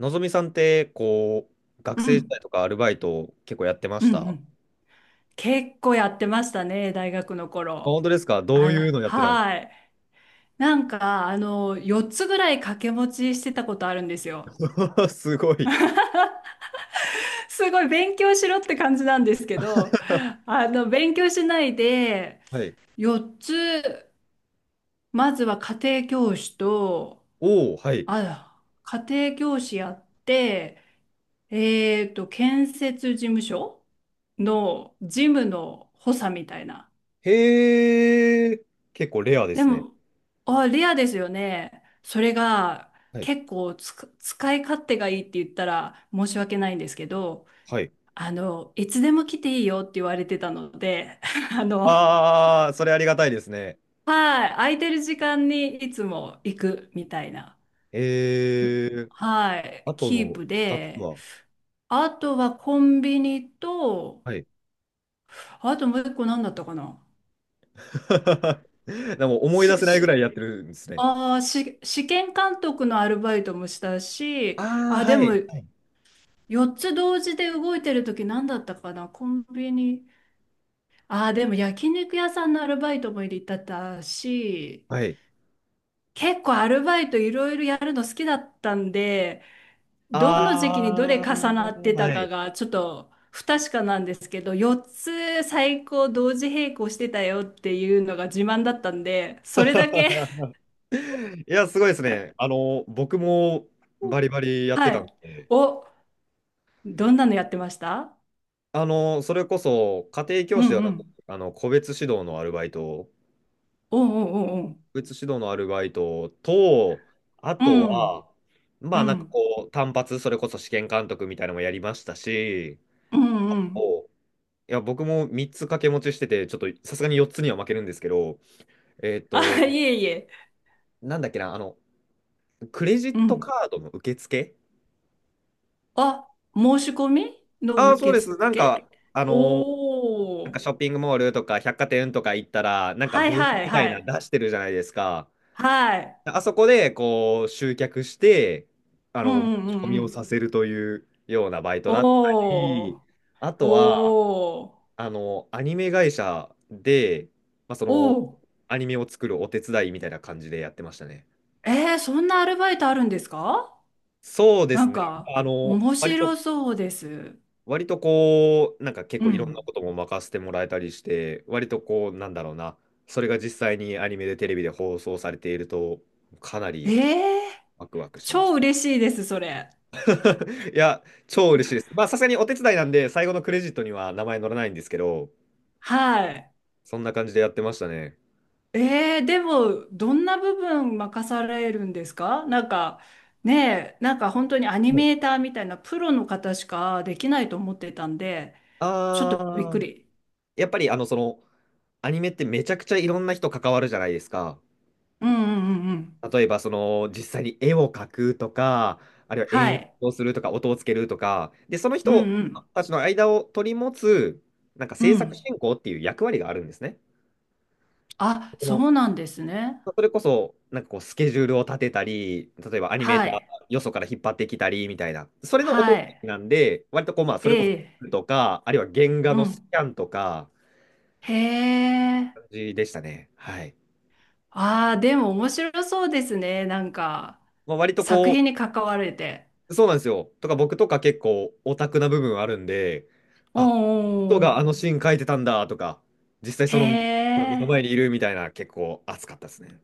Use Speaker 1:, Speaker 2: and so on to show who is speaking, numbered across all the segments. Speaker 1: のぞみさんって、学
Speaker 2: う
Speaker 1: 生時
Speaker 2: ん、
Speaker 1: 代とかアルバイト結構やってま
Speaker 2: う
Speaker 1: し
Speaker 2: ん、
Speaker 1: た。
Speaker 2: う
Speaker 1: あ、
Speaker 2: ん。結構やってましたね、大学の頃。
Speaker 1: 本当ですか？どういう
Speaker 2: あ、
Speaker 1: のやってたんで
Speaker 2: はい。なんか、4つぐらい掛け持ちしてたことあるんですよ。
Speaker 1: すか？ すごい。
Speaker 2: すごい勉強しろって感じなんですけど、勉強しないで、
Speaker 1: はい。
Speaker 2: 4つ、まずは家庭教師と、
Speaker 1: おお、はい。
Speaker 2: あ、家庭教師やって、建設事務所の事務の補佐みたいな。
Speaker 1: へえ、結構レアで
Speaker 2: で
Speaker 1: すね。
Speaker 2: も、あ、レアですよね。それが
Speaker 1: はい。
Speaker 2: 結構つく使い勝手がいいって言ったら申し訳ないんですけど、
Speaker 1: はい。
Speaker 2: いつでも来ていいよって言われてたので、あの、
Speaker 1: ああ、それありがたいですね。
Speaker 2: はい、空いてる時間にいつも行くみたいな、
Speaker 1: ええ、
Speaker 2: はい、
Speaker 1: あと
Speaker 2: キー
Speaker 1: の
Speaker 2: プ
Speaker 1: 2つ
Speaker 2: で、
Speaker 1: は？
Speaker 2: あとはコンビニと、
Speaker 1: はい。
Speaker 2: あともう一個何だったかな。
Speaker 1: でも思い出
Speaker 2: し、
Speaker 1: せないぐらい
Speaker 2: し、
Speaker 1: やってるんですね。
Speaker 2: あーし、試験監督のアルバイトもしたし、
Speaker 1: ああ、
Speaker 2: あ、で
Speaker 1: は
Speaker 2: も、
Speaker 1: い。
Speaker 2: 4つ同時で動いてる時何だったかな、コンビニ。ああ、でも焼肉屋さんのアルバイトも入れてたし、
Speaker 1: はい。
Speaker 2: 結構アルバイトいろいろやるの好きだったんで、どの時期にどれ
Speaker 1: あ
Speaker 2: 重
Speaker 1: あ、
Speaker 2: なってた
Speaker 1: は
Speaker 2: か
Speaker 1: い。
Speaker 2: がちょっと不確かなんですけど、4つ最高同時並行してたよっていうのが自慢だったんで、それだけ。
Speaker 1: いや、すごいですね。あの、僕もバリバリやって
Speaker 2: は
Speaker 1: た
Speaker 2: い。
Speaker 1: んで、
Speaker 2: お、どんなのやってました？
Speaker 1: あの、それこそ家庭
Speaker 2: う
Speaker 1: 教師で
Speaker 2: ん
Speaker 1: は
Speaker 2: う
Speaker 1: なく、
Speaker 2: ん。
Speaker 1: あの、個別指導のアルバイト、
Speaker 2: おうおうおうおう。
Speaker 1: 個別指導のアルバイトと、あ
Speaker 2: う
Speaker 1: と
Speaker 2: ん。
Speaker 1: は、ま
Speaker 2: う
Speaker 1: あ
Speaker 2: ん。
Speaker 1: こう、単発、それこそ試験監督みたいなのもやりましたし、
Speaker 2: うんうん。
Speaker 1: おいや、僕も3つ掛け持ちしてて、ちょっとさすがに4つには負けるんですけど、えっと、
Speaker 2: あ、いえいえ。
Speaker 1: なんだっけな、あの、クレジ
Speaker 2: う
Speaker 1: ット
Speaker 2: ん。
Speaker 1: カードの受付、
Speaker 2: あ、申し込みの
Speaker 1: ああー、そう
Speaker 2: 受
Speaker 1: です。
Speaker 2: 付。
Speaker 1: あの、
Speaker 2: おー。
Speaker 1: ショッピングモールとか百貨店とか行ったら、なんか
Speaker 2: は
Speaker 1: ブ
Speaker 2: い
Speaker 1: ース
Speaker 2: はい
Speaker 1: みたい
Speaker 2: は
Speaker 1: なの
Speaker 2: い。
Speaker 1: 出してるじゃないですか。
Speaker 2: はい。
Speaker 1: あそこでこう集客して、あ
Speaker 2: う
Speaker 1: の、
Speaker 2: ん
Speaker 1: 持
Speaker 2: うんう
Speaker 1: ち込
Speaker 2: んう
Speaker 1: みを
Speaker 2: ん。
Speaker 1: させるというようなバイトだった
Speaker 2: お
Speaker 1: り、
Speaker 2: ー。
Speaker 1: あとは、
Speaker 2: おー。
Speaker 1: あの、アニメ会社で、まあ、その、
Speaker 2: おお。
Speaker 1: アニメを作るお手伝いみたいな感じでやってましたね。
Speaker 2: えー、そんなアルバイトあるんですか？
Speaker 1: そうで
Speaker 2: な
Speaker 1: す
Speaker 2: ん
Speaker 1: ね。
Speaker 2: か、
Speaker 1: あの、
Speaker 2: 面白そうです。
Speaker 1: 割とこう、結
Speaker 2: う
Speaker 1: 構いろんな
Speaker 2: ん。
Speaker 1: ことも任せてもらえたりして、割とこう、なんだろうな、それが実際にアニメでテレビで放送されていると、かな
Speaker 2: え
Speaker 1: り
Speaker 2: ー、
Speaker 1: ワクワクしま
Speaker 2: 超
Speaker 1: し
Speaker 2: 嬉しいです、それ。
Speaker 1: た。いや、超嬉しいです。まあ、さすがにお手伝いなんで、最後のクレジットには名前載らないんですけど、
Speaker 2: はい。
Speaker 1: そんな感じでやってましたね。
Speaker 2: えー、でも、どんな部分任されるんですか？なんか、ねえ、なんか本当にアニ
Speaker 1: はい、
Speaker 2: メーターみたいなプロの方しかできないと思ってたんで、ちょっとびっく
Speaker 1: あー、
Speaker 2: り。
Speaker 1: やっぱりあの、その、アニメってめちゃくちゃいろんな人関わるじゃないですか。
Speaker 2: うんうんうんうん。
Speaker 1: 例えば、その、実際に絵を描くとか、あるいは
Speaker 2: は
Speaker 1: 演
Speaker 2: い。
Speaker 1: 出をするとか、音をつけるとか、で、その
Speaker 2: う
Speaker 1: 人
Speaker 2: んうん
Speaker 1: たちの間を取り持つ、なんか
Speaker 2: う
Speaker 1: 制作
Speaker 2: ん。
Speaker 1: 進行っていう役割があるんですね。
Speaker 2: あ、
Speaker 1: そ
Speaker 2: そ
Speaker 1: の
Speaker 2: うなんですね。
Speaker 1: それこそ、こう、スケジュールを立てたり、例えばアニメー
Speaker 2: は
Speaker 1: ター
Speaker 2: い。
Speaker 1: よそから引っ張ってきたりみたいな、それのお手
Speaker 2: は
Speaker 1: 伝
Speaker 2: い。
Speaker 1: いなんで、割とこう、まあ、そ
Speaker 2: え
Speaker 1: れこそ、
Speaker 2: え。
Speaker 1: とか、あるいは原画
Speaker 2: う
Speaker 1: のス
Speaker 2: ん。
Speaker 1: キャンとか、
Speaker 2: へ
Speaker 1: 感
Speaker 2: え。
Speaker 1: じでしたね。はい。
Speaker 2: ああ、でも面白そうですね。なんか、
Speaker 1: まあ、割と
Speaker 2: 作
Speaker 1: こ
Speaker 2: 品
Speaker 1: う、
Speaker 2: に関われて。
Speaker 1: そうなんですよ。とか僕とか結構オタクな部分あるんで、
Speaker 2: おー
Speaker 1: あ、人
Speaker 2: おー
Speaker 1: があ
Speaker 2: お
Speaker 1: のシーン書いてたんだとか、実際
Speaker 2: ー。へ
Speaker 1: その目の前
Speaker 2: え。
Speaker 1: にいるみたいな結構熱かったですね。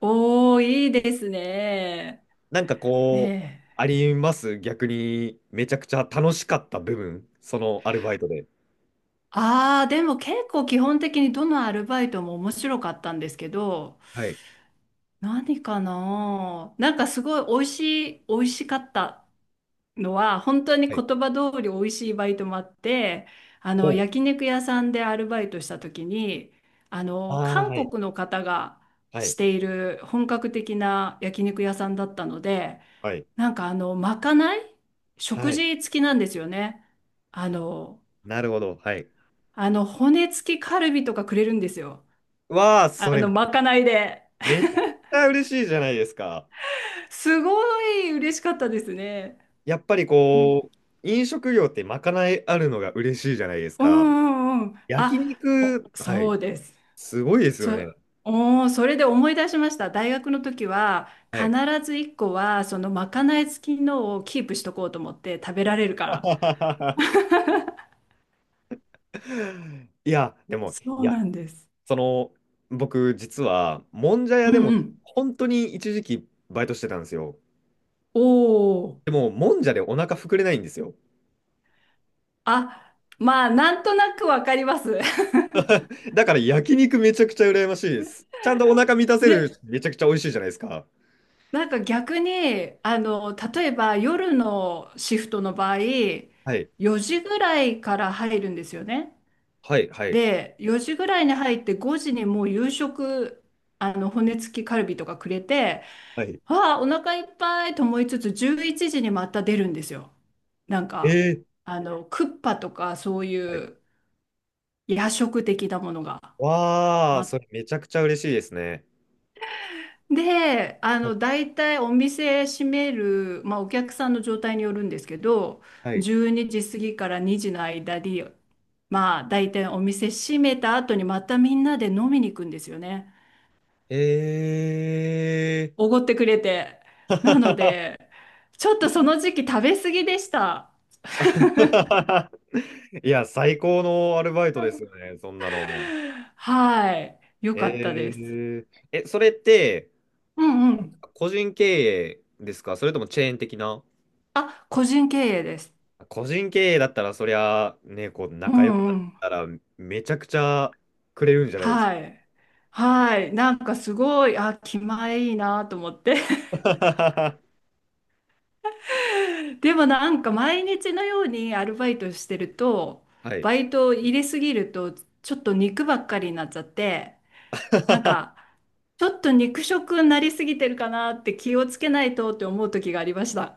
Speaker 2: おー、いいですね。え
Speaker 1: こう、
Speaker 2: え。
Speaker 1: あります、逆にめちゃくちゃ楽しかった部分、そのアルバイトで。
Speaker 2: ああ、でも結構基本的にどのアルバイトも面白かったんですけど、
Speaker 1: はい。
Speaker 2: 何かななんかすごい美味しい、美味しかったのは、本当に
Speaker 1: は
Speaker 2: 言
Speaker 1: い。
Speaker 2: 葉通り美味しいバイトもあって、
Speaker 1: ほう。
Speaker 2: 焼肉屋さんでアルバイトした時に、
Speaker 1: ああ、
Speaker 2: 韓
Speaker 1: はい。
Speaker 2: 国の方が
Speaker 1: は
Speaker 2: し
Speaker 1: い。
Speaker 2: ている本格的な焼肉屋さんだったので、
Speaker 1: はい。
Speaker 2: なんかまかない
Speaker 1: は
Speaker 2: 食
Speaker 1: い。
Speaker 2: 事付きなんですよね。あの、
Speaker 1: なるほど。はい。
Speaker 2: 骨付きカルビとかくれるんですよ。
Speaker 1: わあ、それ
Speaker 2: まかないで。
Speaker 1: めちゃくちゃ嬉しいじゃないですか。
Speaker 2: すごい嬉しかったですね。
Speaker 1: やっぱりこう、飲食業ってまかないあるのが嬉しいじゃないです
Speaker 2: う
Speaker 1: か。
Speaker 2: んうんうん。
Speaker 1: 焼
Speaker 2: あ、
Speaker 1: 肉、
Speaker 2: お、
Speaker 1: は
Speaker 2: そ
Speaker 1: い、
Speaker 2: うです。
Speaker 1: すごいですよね。
Speaker 2: そ、おー、それで思い出しました。大学の時は
Speaker 1: は
Speaker 2: 必
Speaker 1: い。
Speaker 2: ず一個はそのまかない付きのをキープしとこうと思って食べられるから。
Speaker 1: いや、でも、
Speaker 2: そ
Speaker 1: い
Speaker 2: う
Speaker 1: や、
Speaker 2: なんです。
Speaker 1: その、僕、実は、もんじゃ
Speaker 2: う
Speaker 1: 屋で
Speaker 2: んう
Speaker 1: も、
Speaker 2: ん。
Speaker 1: 本当に一時期、バイトしてたんですよ。
Speaker 2: おお。
Speaker 1: でも、もんじゃでお腹膨れないんですよ。
Speaker 2: あ、まあ、なんとなくわかります。
Speaker 1: だから、焼肉めちゃくちゃ羨ましいです。ちゃんとお腹満たせる、
Speaker 2: で、
Speaker 1: めちゃくちゃ美味しいじゃないですか。
Speaker 2: なんか逆に、例えば夜のシフトの場合、
Speaker 1: はい、
Speaker 2: 4時ぐらいから入るんですよね。
Speaker 1: はい、はい、
Speaker 2: で、4時ぐらいに入って5時にもう夕食、骨付きカルビとかくれて、
Speaker 1: はい。
Speaker 2: わあ、お腹いっぱいと思いつつ、11時にまた出るんですよ。なん
Speaker 1: え
Speaker 2: か、
Speaker 1: ー、
Speaker 2: クッパとかそうい
Speaker 1: はい。
Speaker 2: う夜食的なものが。
Speaker 1: わあ、それめちゃくちゃ嬉しいですね。
Speaker 2: で、
Speaker 1: はい、
Speaker 2: 大体お店閉める、まあ、お客さんの状態によるんですけど、
Speaker 1: はい。
Speaker 2: 12時過ぎから2時の間に、まあ、大体お店閉めた後にまたみんなで飲みに行くんですよね。
Speaker 1: え
Speaker 2: おごってくれて。なの
Speaker 1: ー。
Speaker 2: で、ちょっとその時期食べ過ぎでした。
Speaker 1: いや、最高のアルバイトですよね、そんなの。
Speaker 2: はい。よ
Speaker 1: え
Speaker 2: かったです。
Speaker 1: ー、え、それって、
Speaker 2: うんうん。
Speaker 1: 個人経営ですか？それともチェーン的な？
Speaker 2: あ、個人経営です。
Speaker 1: 個人経営だったら、そりゃ、ね、こう、
Speaker 2: う
Speaker 1: 仲良く
Speaker 2: ん
Speaker 1: な
Speaker 2: う
Speaker 1: っ
Speaker 2: ん。
Speaker 1: たら、めちゃくちゃくれるんじゃないです
Speaker 2: は
Speaker 1: か？
Speaker 2: い。はい。なんかすごい、あ、気前いいなと思って。でもなんか毎日のようにアルバイトしてると、
Speaker 1: はい。
Speaker 2: バイトを入れすぎると、ちょっと肉ばっかりになっちゃって、なんか、ちょっと肉食になりすぎてるかなって気をつけないとって思う時がありました。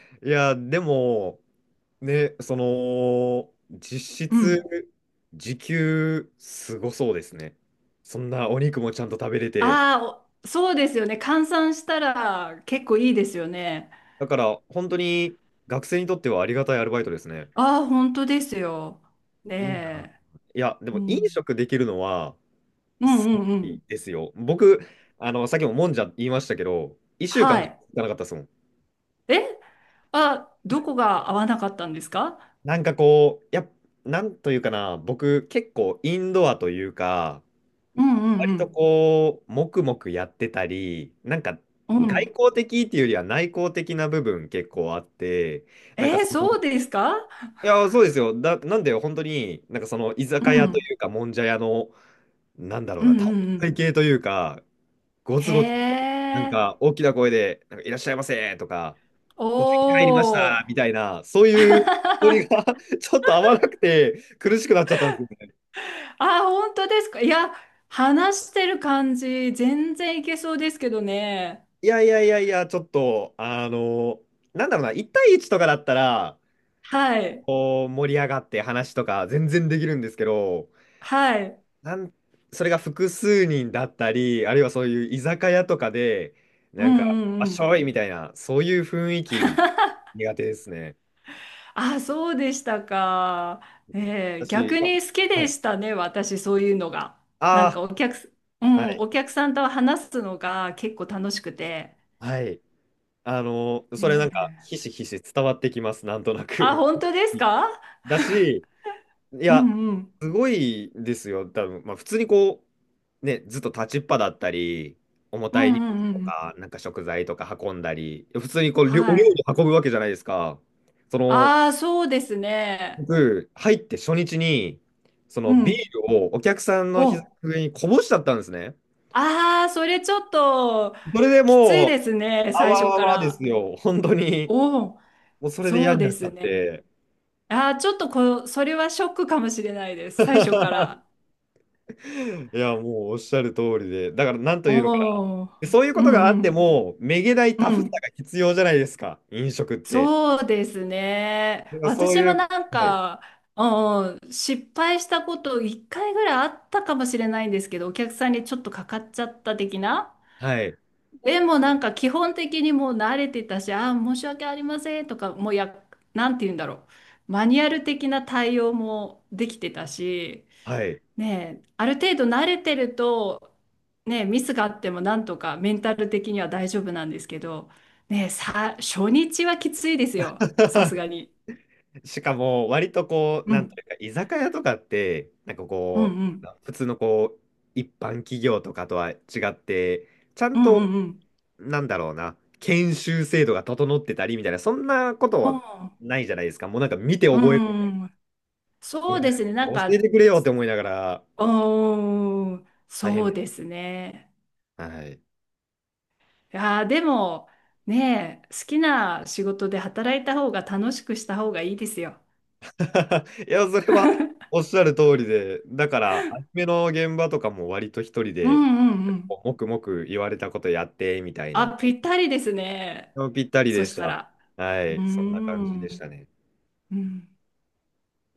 Speaker 1: いや、でも、ね、その、実
Speaker 2: う
Speaker 1: 質、
Speaker 2: ん。
Speaker 1: 時給、すごそうですね。そんなお肉もちゃんと食べれて、
Speaker 2: ああ、お、そうですよね。換算したら結構いいですよね。
Speaker 1: だから、本当に学生にとってはありがたいアルバイトですね。
Speaker 2: ああ、本当ですよ。ね
Speaker 1: いいな。
Speaker 2: え。
Speaker 1: いや、で
Speaker 2: う
Speaker 1: も飲
Speaker 2: ん。
Speaker 1: 食できるのは、
Speaker 2: うん
Speaker 1: す
Speaker 2: うんう
Speaker 1: ごい
Speaker 2: ん。
Speaker 1: ですよ。僕、あの、さっきももんじゃ言いましたけど、1週
Speaker 2: は
Speaker 1: 間行
Speaker 2: い。
Speaker 1: かなかったですもん。
Speaker 2: え、あ、どこが合わなかったんですか？
Speaker 1: こう、なんというかな、僕、結構インドアというか、
Speaker 2: うんう
Speaker 1: 割と
Speaker 2: ん
Speaker 1: こう、黙々やってたり、なんか、
Speaker 2: うん。う
Speaker 1: 外
Speaker 2: ん、
Speaker 1: 交的っていうよりは内向的な部分結構あって、
Speaker 2: えー、
Speaker 1: その
Speaker 2: そ
Speaker 1: い
Speaker 2: うですか？
Speaker 1: そうですよ。だ、なんで、本当に、なんかその居
Speaker 2: う
Speaker 1: 酒屋と
Speaker 2: ん。
Speaker 1: いうか、もんじゃ屋の、なんだろ
Speaker 2: う
Speaker 1: うな、
Speaker 2: んうんう
Speaker 1: 体
Speaker 2: ん。
Speaker 1: 系というか、ゴ
Speaker 2: へ
Speaker 1: ツゴツ、なん
Speaker 2: え。
Speaker 1: か大きな声で、なんかいらっしゃいませとか、ご席入りまし
Speaker 2: おー。
Speaker 1: たみたいな、そう いうノリ
Speaker 2: あ、
Speaker 1: が ちょっと合わなくて、苦しくなっちゃったんですよね。
Speaker 2: 本当ですか？いや、話してる感じ、全然いけそうですけどね。
Speaker 1: いやいやいやいや、ちょっと、あの、なんだろうな、1対1とかだったら、
Speaker 2: はい。
Speaker 1: こう盛り上がって話とか全然できるんですけど、
Speaker 2: はい。
Speaker 1: なんそれが複数人だったり、あるいはそういう居酒屋とかで、
Speaker 2: う
Speaker 1: なん
Speaker 2: ん
Speaker 1: か、
Speaker 2: う
Speaker 1: あ
Speaker 2: ん
Speaker 1: っ
Speaker 2: う
Speaker 1: し
Speaker 2: ん。
Speaker 1: ょいみたいな、そういう雰囲気 苦手ですね。
Speaker 2: あ、そうでしたか。ねえー、
Speaker 1: 私、い
Speaker 2: 逆
Speaker 1: や、
Speaker 2: に好き
Speaker 1: は
Speaker 2: で
Speaker 1: い。
Speaker 2: したね、私、そういうのが。なん
Speaker 1: あ
Speaker 2: かお客す、う
Speaker 1: あ、
Speaker 2: ん、
Speaker 1: はい。
Speaker 2: お客さんと話すのが結構楽しくて。
Speaker 1: はい。あの、それな
Speaker 2: ね
Speaker 1: んか、
Speaker 2: え、
Speaker 1: ひしひし伝わってきます、なんとな
Speaker 2: あ、
Speaker 1: く。
Speaker 2: 本当です か？
Speaker 1: だし、い
Speaker 2: う
Speaker 1: や、
Speaker 2: んうん。
Speaker 1: すごいですよ、多分。まあ、普通にこう、ね、ずっと立ちっぱだったり、重
Speaker 2: う
Speaker 1: た
Speaker 2: ん
Speaker 1: い荷
Speaker 2: う
Speaker 1: 物
Speaker 2: んう
Speaker 1: と
Speaker 2: ん。
Speaker 1: か、なんか食材とか運んだり、普通にこう、りょお料
Speaker 2: はい。
Speaker 1: 理運ぶわけじゃないですか。その、
Speaker 2: ああ、そうですね。
Speaker 1: 僕、入って初日に、そ
Speaker 2: う
Speaker 1: のビー
Speaker 2: ん。
Speaker 1: ルをお客さんの膝
Speaker 2: お、
Speaker 1: の上にこぼしちゃったんですね。
Speaker 2: ああ、それちょっと
Speaker 1: それで
Speaker 2: きつい
Speaker 1: もう、
Speaker 2: ですね、
Speaker 1: あ
Speaker 2: 最
Speaker 1: わ
Speaker 2: 初
Speaker 1: わ
Speaker 2: か
Speaker 1: わで
Speaker 2: ら。
Speaker 1: すよ、本当に。
Speaker 2: おお、
Speaker 1: もうそれで
Speaker 2: そ
Speaker 1: 嫌
Speaker 2: う
Speaker 1: に
Speaker 2: で
Speaker 1: なっちゃ
Speaker 2: す
Speaker 1: っ
Speaker 2: ね。
Speaker 1: て。
Speaker 2: ああ、ちょっとこう、それはショックかもしれないです、最初か ら。
Speaker 1: いや、もうおっしゃる通りで、だからなんというのか
Speaker 2: おー。
Speaker 1: な、そういうこ
Speaker 2: う
Speaker 1: とがあ
Speaker 2: ん
Speaker 1: っ
Speaker 2: う
Speaker 1: て
Speaker 2: ん。
Speaker 1: も、めげない
Speaker 2: う
Speaker 1: タフさ
Speaker 2: ん。
Speaker 1: が必要じゃないですか、飲食って。
Speaker 2: そうです
Speaker 1: だ
Speaker 2: ね。
Speaker 1: からそう
Speaker 2: 私
Speaker 1: い
Speaker 2: も
Speaker 1: う、
Speaker 2: なん
Speaker 1: はい、
Speaker 2: か、うんうん、失敗したこと1回ぐらいあったかもしれないんですけど、お客さんにちょっとかかっちゃった的な。
Speaker 1: はい、
Speaker 2: でもなんか基本的にもう慣れてたし、ああ、申し訳ありませんとか、もうなんて言うんだろう。マニュアル的な対応もできてたし、
Speaker 1: はい。
Speaker 2: ねえ、ある程度慣れてると、ねえ、ミスがあってもなんとかメンタル的には大丈夫なんですけど、ねえ、初日はきついですよ。さすが に。
Speaker 1: しかも、割とこう、
Speaker 2: う
Speaker 1: なんと
Speaker 2: ん、
Speaker 1: いうか、居酒屋とかって、
Speaker 2: うん、う
Speaker 1: こ
Speaker 2: ん、
Speaker 1: う、普通のこう、一般企業とかとは違って、ちゃ
Speaker 2: う
Speaker 1: ん
Speaker 2: ん、う
Speaker 1: と、
Speaker 2: ん、うん。
Speaker 1: なんだろうな、研修制度が整ってたりみたいな、そんなことはないじゃないですか。もうなんか見て
Speaker 2: う
Speaker 1: 覚える。
Speaker 2: ん、うん、
Speaker 1: い
Speaker 2: そ
Speaker 1: や
Speaker 2: うですね。なん
Speaker 1: 教え
Speaker 2: か、
Speaker 1: てくれよって思いながら、
Speaker 2: うーん、
Speaker 1: 大
Speaker 2: そ
Speaker 1: 変。
Speaker 2: うですね。
Speaker 1: はい。
Speaker 2: いやーでも、ねえ、好きな仕事で働いた方が楽しくした方がいいですよ。
Speaker 1: いや、それはおっしゃる通りで、だから、アニメの現場とかも割と一人
Speaker 2: う
Speaker 1: で、
Speaker 2: んうんうん。
Speaker 1: もくもく言われたことやって、みたいな、
Speaker 2: あ、ぴったりですね。
Speaker 1: ぴったりで
Speaker 2: そし
Speaker 1: し
Speaker 2: た
Speaker 1: た。
Speaker 2: ら。
Speaker 1: は
Speaker 2: うー
Speaker 1: い、そんな感じでし
Speaker 2: ん。
Speaker 1: たね。
Speaker 2: うん